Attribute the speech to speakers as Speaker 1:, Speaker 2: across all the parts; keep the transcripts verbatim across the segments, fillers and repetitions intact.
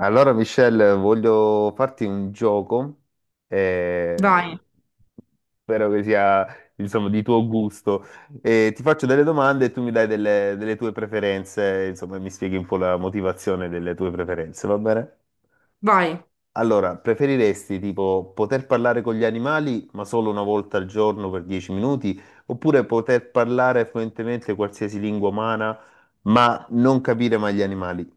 Speaker 1: Allora, Michelle, voglio farti un gioco,
Speaker 2: Vai,
Speaker 1: eh, spero che sia, insomma, di tuo gusto. Eh, ti faccio delle domande e tu mi dai delle, delle tue preferenze, insomma, e mi spieghi un po' la motivazione delle tue preferenze, va bene?
Speaker 2: vai.
Speaker 1: Allora, preferiresti tipo poter parlare con gli animali, ma solo una volta al giorno per dieci minuti, oppure poter parlare fluentemente qualsiasi lingua umana, ma non capire mai gli animali?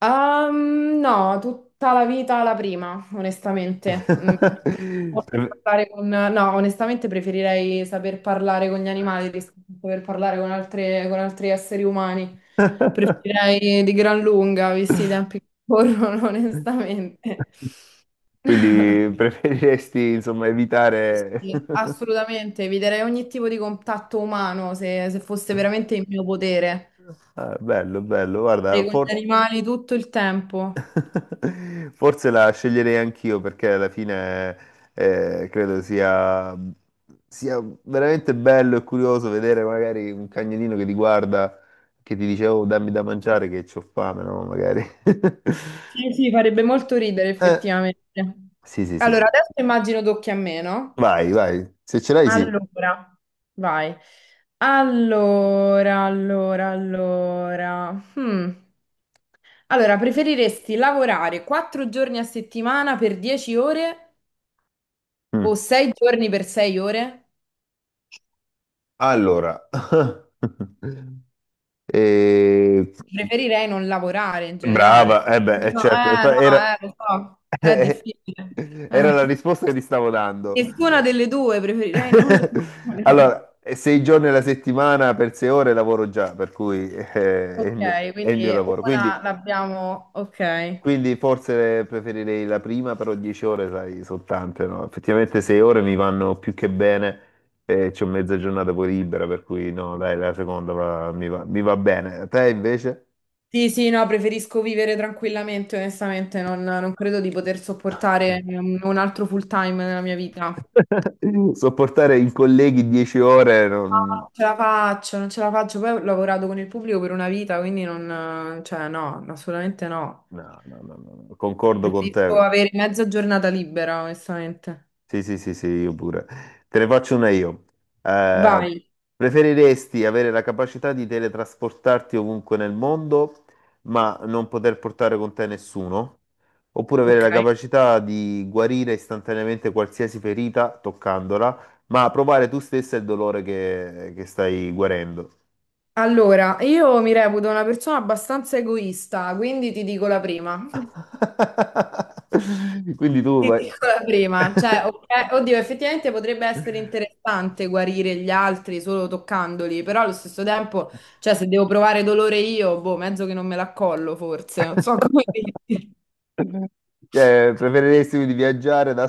Speaker 2: Ehm, no, tutta la vita la prima, onestamente. Mm, posso
Speaker 1: Pre-
Speaker 2: parlare con- No, onestamente preferirei saper parlare con gli animali rispetto a saper parlare con altre- con altri esseri umani. Preferirei di gran lunga, visti i tempi che corrono, onestamente.
Speaker 1: Quindi preferiresti, insomma,
Speaker 2: Sì,
Speaker 1: evitare...
Speaker 2: sì, assolutamente, eviterei ogni tipo di contatto umano se, se fosse veramente in mio potere.
Speaker 1: Ah, bello, bello, guarda,
Speaker 2: Sarei con gli
Speaker 1: for-
Speaker 2: animali tutto il tempo.
Speaker 1: forse la sceglierei anch'io perché alla fine eh, credo sia... sia veramente bello e curioso vedere magari un cagnolino che ti guarda, che ti dice, oh, dammi da mangiare che c'ho fame, no? Magari.
Speaker 2: Sì, sì, farebbe molto ridere
Speaker 1: Eh,
Speaker 2: effettivamente.
Speaker 1: sì, sì, sì.
Speaker 2: Allora, adesso immagino tocchi a me, no?
Speaker 1: Vai, vai. Se ce l'hai, sì.
Speaker 2: Allora, vai. Allora, allora, allora. Hmm. Allora, preferiresti lavorare quattro giorni a settimana per dieci ore o
Speaker 1: Mm.
Speaker 2: sei giorni per sei ore?
Speaker 1: Allora, eh,
Speaker 2: Preferirei non lavorare in generale.
Speaker 1: Brava, eh beh,
Speaker 2: Non
Speaker 1: eh,
Speaker 2: so,
Speaker 1: certo, e
Speaker 2: eh,
Speaker 1: poi
Speaker 2: no,
Speaker 1: era...
Speaker 2: eh, lo so, è difficile.
Speaker 1: era la
Speaker 2: Eh.
Speaker 1: risposta che ti stavo dando.
Speaker 2: Nessuna delle due, preferirei non lavorare.
Speaker 1: Allora, eh, sei giorni alla settimana per sei ore lavoro già, per cui eh, è il
Speaker 2: Ok,
Speaker 1: mio, è il mio
Speaker 2: quindi
Speaker 1: lavoro.
Speaker 2: una
Speaker 1: Quindi,
Speaker 2: l'abbiamo. Ok.
Speaker 1: quindi forse preferirei la prima, però dieci ore, sai, sono tante, no? Effettivamente sei ore mi vanno più che bene e c'ho mezza giornata poi libera, per cui no, dai, la seconda va- mi va, mi va bene. A te invece?
Speaker 2: Sì, sì, no, preferisco vivere tranquillamente, onestamente, non, non credo di poter sopportare un, un altro full time nella mia vita. No.
Speaker 1: Sopportare i colleghi dieci ore, non-
Speaker 2: Non ce la faccio, non ce la faccio. Poi ho lavorato con il pubblico per una vita, quindi non, cioè, no, assolutamente no.
Speaker 1: no, no, no, no, no, concordo con
Speaker 2: Preferisco
Speaker 1: te.
Speaker 2: avere mezza giornata libera, onestamente.
Speaker 1: Sì, sì, sì, sì, io pure. Te ne faccio una io. Eh,
Speaker 2: Vai.
Speaker 1: preferiresti avere la capacità di teletrasportarti ovunque nel mondo, ma non poter portare con te nessuno? Oppure avere
Speaker 2: Ok.
Speaker 1: la capacità di guarire istantaneamente qualsiasi ferita toccandola, ma provare tu stessa il dolore che, che stai guarendo?
Speaker 2: Allora, io mi reputo una persona abbastanza egoista, quindi ti dico la prima.
Speaker 1: Quindi tu
Speaker 2: Ti
Speaker 1: vai-
Speaker 2: dico la prima, cioè, ok, oddio, effettivamente potrebbe essere interessante guarire gli altri solo toccandoli, però allo stesso tempo, cioè, se devo provare dolore io, boh, mezzo che non me l'accollo forse, non so come dirti.
Speaker 1: cioè, preferiresti di viaggiare da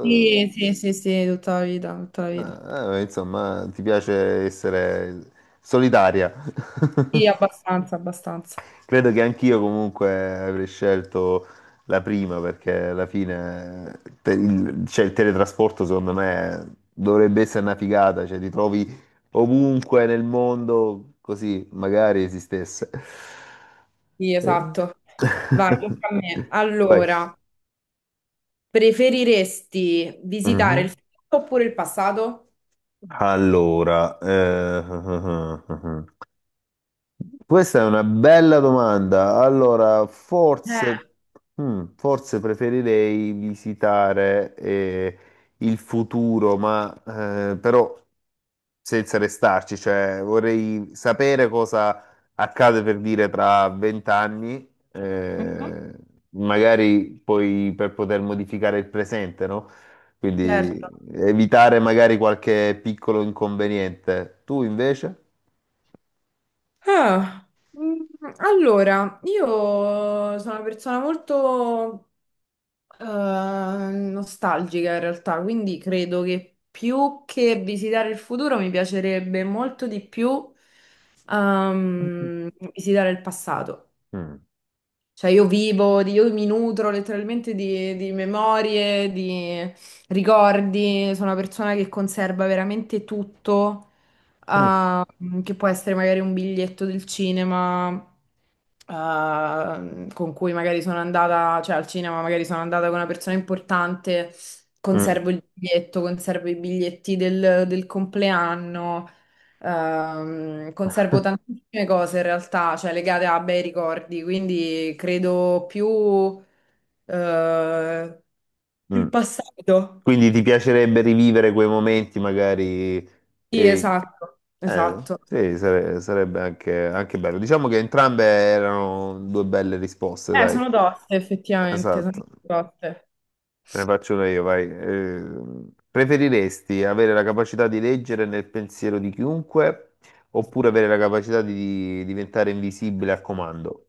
Speaker 2: Sì, sì, sì, sì, tutta la vita, tutta la vita.
Speaker 1: Eh, eh, insomma, ti piace essere solitaria.
Speaker 2: Sì, abbastanza, abbastanza.
Speaker 1: Credo che anch'io comunque avrei scelto la prima perché alla fine te- il, cioè, il teletrasporto secondo me dovrebbe essere una figata, cioè ti trovi ovunque nel mondo così magari esistesse.
Speaker 2: Sì,
Speaker 1: Eh.
Speaker 2: esatto. Vai, tocca a me.
Speaker 1: Vai.
Speaker 2: Allora, preferiresti visitare il
Speaker 1: Mhm.
Speaker 2: futuro oppure il passato?
Speaker 1: Allora, eh, questa è una bella domanda. Allora,
Speaker 2: Eh.
Speaker 1: forse, mm, forse preferirei visitare eh, il futuro, ma eh, però senza restarci, cioè vorrei sapere cosa accade per dire tra vent'anni,
Speaker 2: Mhm.
Speaker 1: eh, magari poi per poter modificare il presente, no? Quindi
Speaker 2: Certo.
Speaker 1: evitare magari qualche piccolo inconveniente. Tu invece?
Speaker 2: Ah, mm, allora, io sono una persona molto eh, nostalgica in realtà, quindi credo che più che visitare il futuro mi piacerebbe molto di più ehm, visitare il passato.
Speaker 1: Mm,
Speaker 2: Cioè io vivo, di- io mi nutro letteralmente di, di memorie, di ricordi, sono una persona che conserva veramente tutto
Speaker 1: mm,
Speaker 2: ah, che può essere magari un biglietto del cinema. eh, con cui magari sono andata, cioè al cinema magari sono andata con una persona importante,
Speaker 1: mm.
Speaker 2: conservo il biglietto, conservo i biglietti del, del compleanno, ehm, conservo tantissime cose in realtà, cioè legate a bei ricordi, quindi credo più eh, il
Speaker 1: Mm.
Speaker 2: passato.
Speaker 1: Quindi ti piacerebbe rivivere quei momenti magari,
Speaker 2: Sì,
Speaker 1: eh,
Speaker 2: esatto,
Speaker 1: eh,
Speaker 2: esatto.
Speaker 1: sì, sare- sarebbe anche, anche bello. Diciamo che entrambe erano due belle risposte,
Speaker 2: Eh,
Speaker 1: dai.
Speaker 2: sono toste, effettivamente, sono
Speaker 1: Esatto,
Speaker 2: toste.
Speaker 1: te ne faccio una io, vai. Eh, preferiresti avere la capacità di leggere nel pensiero di chiunque oppure avere la capacità di diventare invisibile a comando?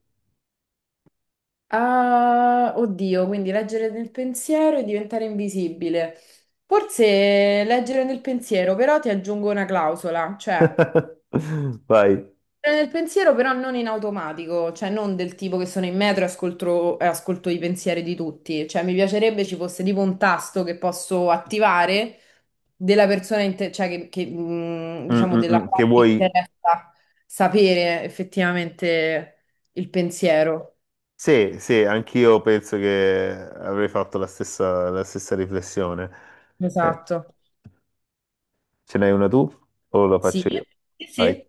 Speaker 2: Ah, oddio, quindi leggere nel pensiero e diventare invisibile. Forse leggere nel pensiero, però ti aggiungo una clausola, cioè
Speaker 1: Vai.
Speaker 2: nel pensiero però non in automatico, cioè non del tipo che sono in metro e ascolto, e ascolto i pensieri di tutti, cioè mi piacerebbe ci fosse tipo un tasto che posso attivare della persona, inte- cioè che, che, mh,
Speaker 1: Mm,
Speaker 2: diciamo
Speaker 1: mm,
Speaker 2: della
Speaker 1: mm, che
Speaker 2: quale mi
Speaker 1: vuoi?
Speaker 2: interessa sapere effettivamente il pensiero.
Speaker 1: Sì, sì, anch'io penso che avrei fatto la stessa, la stessa riflessione. Eh,
Speaker 2: Esatto.
Speaker 1: ce n'hai una tu o la
Speaker 2: Sì,
Speaker 1: faccio io?
Speaker 2: sì,
Speaker 1: Vai.
Speaker 2: sì.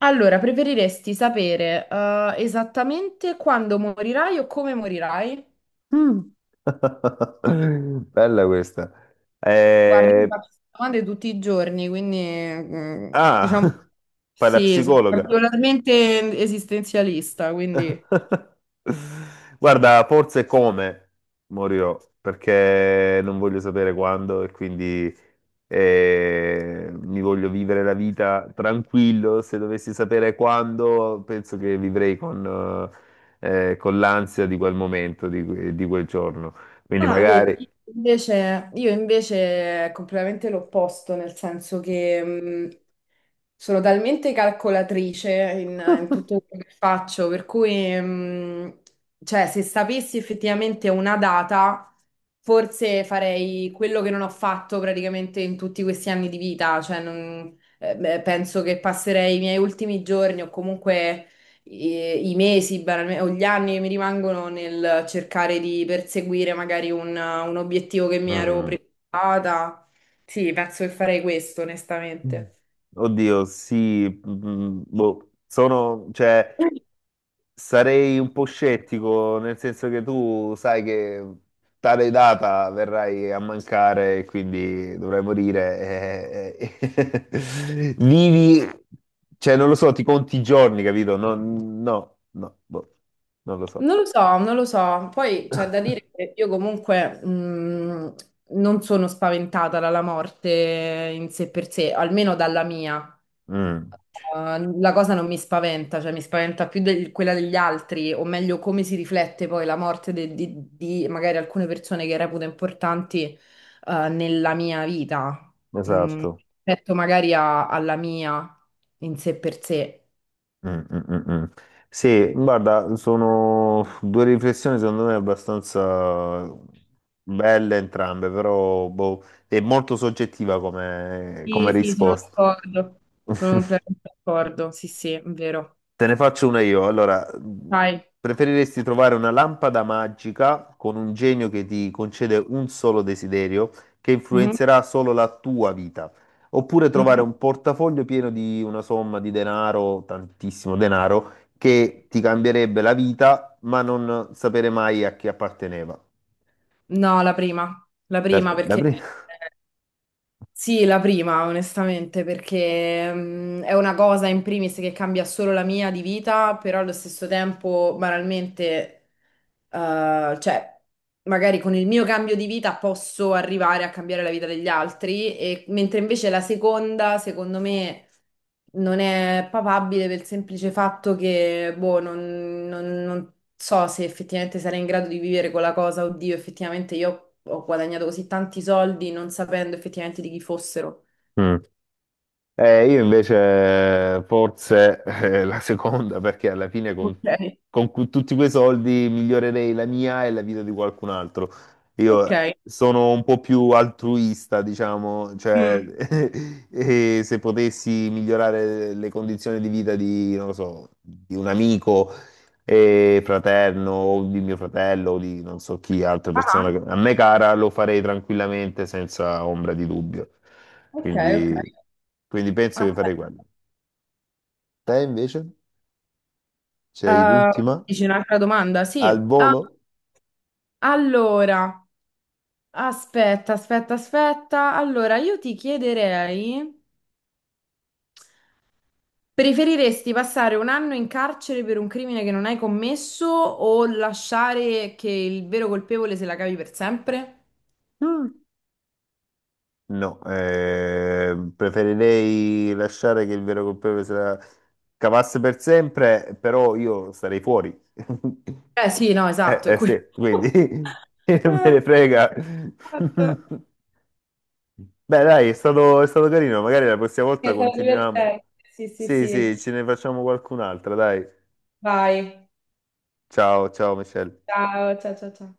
Speaker 2: Allora, preferiresti sapere eh, esattamente quando morirai o come morirai?
Speaker 1: Mm. Bella questa.
Speaker 2: Guardi, io
Speaker 1: Eh,
Speaker 2: faccio queste domande tutti i giorni, quindi mm,
Speaker 1: ah,
Speaker 2: diciamo
Speaker 1: fai la
Speaker 2: sì, sono
Speaker 1: psicologa.
Speaker 2: particolarmente esistenzialista, quindi.
Speaker 1: Guarda, forse come morirò, perché non voglio sapere quando e quindi eh, mi voglio vivere la vita tranquillo. Se dovessi sapere quando, penso che vivrei con, eh, con l'ansia di quel momento, di, que- di quel giorno. Quindi mm,
Speaker 2: Ah, vedi,
Speaker 1: magari...
Speaker 2: invece, io invece è completamente l'opposto, nel senso che mm, Sono talmente calcolatrice in, in tutto quello che faccio, per cui, mh, cioè, se sapessi effettivamente una data, forse farei quello che non ho fatto praticamente in tutti questi anni di vita. Cioè, non- eh, beh, penso che passerei i miei ultimi giorni o comunque i, i mesi, banalme- o gli anni che mi rimangono nel cercare di perseguire magari un, un obiettivo che mi ero
Speaker 1: Mm.
Speaker 2: prefissata. Sì, penso che farei questo, onestamente.
Speaker 1: Oddio, sì, mm, boh, sono, cioè... Sarei un po' scettico, nel senso che tu sai che tale data verrai a mancare, e quindi dovrai morire. eh, eh. eh. Vivi, cioè non lo so, ti conti i giorni, capito? No, no, no, boh, non lo so.
Speaker 2: Non lo so, non lo so. Poi c'è da dire che io comunque mh, non sono spaventata dalla morte in sé per sé, almeno dalla mia.
Speaker 1: Mm,
Speaker 2: Uh, la cosa non mi spaventa, cioè mi spaventa più del- quella degli altri, o meglio come si riflette poi la morte de- di, di magari alcune persone che reputo importanti uh, nella mia vita, Mm,
Speaker 1: esatto.
Speaker 2: rispetto magari a- alla mia in sé per sé.
Speaker 1: Mm, mm, mm, mm. Sì, guarda, sono due riflessioni secondo me abbastanza belle entrambe, però boh, è molto soggettiva come, come
Speaker 2: Sì, sì, sono
Speaker 1: risposta.
Speaker 2: d'accordo. Sono completamente d'accordo, sì, sì, è vero.
Speaker 1: Te ne faccio una io. Allora, mh,
Speaker 2: Vai.
Speaker 1: preferiresti trovare una lampada magica con un genio che ti concede un solo desiderio che
Speaker 2: Mhm,
Speaker 1: influenzerà solo la tua vita, oppure trovare
Speaker 2: mhm.
Speaker 1: un portafoglio pieno di una somma di denaro, tantissimo denaro, che ti cambierebbe la vita, ma non sapere mai a chi apparteneva?
Speaker 2: No, la prima, la
Speaker 1: Da,
Speaker 2: prima
Speaker 1: da
Speaker 2: perché
Speaker 1: pre-
Speaker 2: sì, la prima onestamente perché mm, è una cosa in primis che cambia solo la mia di vita, però allo stesso tempo banalmente, eh, cioè. Magari con il mio cambio di vita posso arrivare a cambiare la vita degli altri, e, mentre invece la seconda, secondo me, non è papabile per il semplice fatto che, boh, non, non- non so se effettivamente sarei in grado di vivere con la cosa, oddio, effettivamente io ho guadagnato così tanti soldi non sapendo effettivamente di chi fossero.
Speaker 1: Mm. Eh, io invece forse eh, la seconda, perché alla fine con,
Speaker 2: Ok,
Speaker 1: con cu- tutti quei soldi migliorerei la mia e la vita di qualcun altro.
Speaker 2: ok.
Speaker 1: Io sono un po' più altruista, diciamo, cioè
Speaker 2: Mm.
Speaker 1: e se potessi migliorare le condizioni di vita di, non lo so, di un amico e fraterno o di mio fratello o di non so chi, altra
Speaker 2: Ah,
Speaker 1: persona che- a me cara, lo farei tranquillamente senza ombra di dubbio.
Speaker 2: ok, ok.
Speaker 1: Quindi, quindi penso
Speaker 2: Ah,
Speaker 1: che farei quello. Te invece? C'hai
Speaker 2: eh,
Speaker 1: l'ultima?
Speaker 2: dici un'altra domanda? Sì.
Speaker 1: Al
Speaker 2: Ah,
Speaker 1: volo?
Speaker 2: allora. Aspetta, aspetta, aspetta. Allora, io ti chiederei, preferiresti passare un anno in carcere per un crimine che non hai commesso o lasciare che il vero colpevole se la cavi per sempre?
Speaker 1: Mm. No, eh, preferirei lasciare che il vero colpevole se la cavasse per sempre, però io starei fuori.
Speaker 2: Eh sì, no,
Speaker 1: Eh,
Speaker 2: esatto, è
Speaker 1: eh,
Speaker 2: quello.
Speaker 1: sì, quindi non me
Speaker 2: Eh,
Speaker 1: ne frega.
Speaker 2: esatto.
Speaker 1: Beh, dai, è stato, è stato carino, magari la prossima volta
Speaker 2: Che sarà
Speaker 1: continuiamo.
Speaker 2: divertente. Sì, sì,
Speaker 1: Sì,
Speaker 2: sì.
Speaker 1: sì, ce ne facciamo qualcun'altra, dai.
Speaker 2: Vai.
Speaker 1: Ciao, ciao, Michelle.
Speaker 2: Ciao, ciao, ciao, ciao.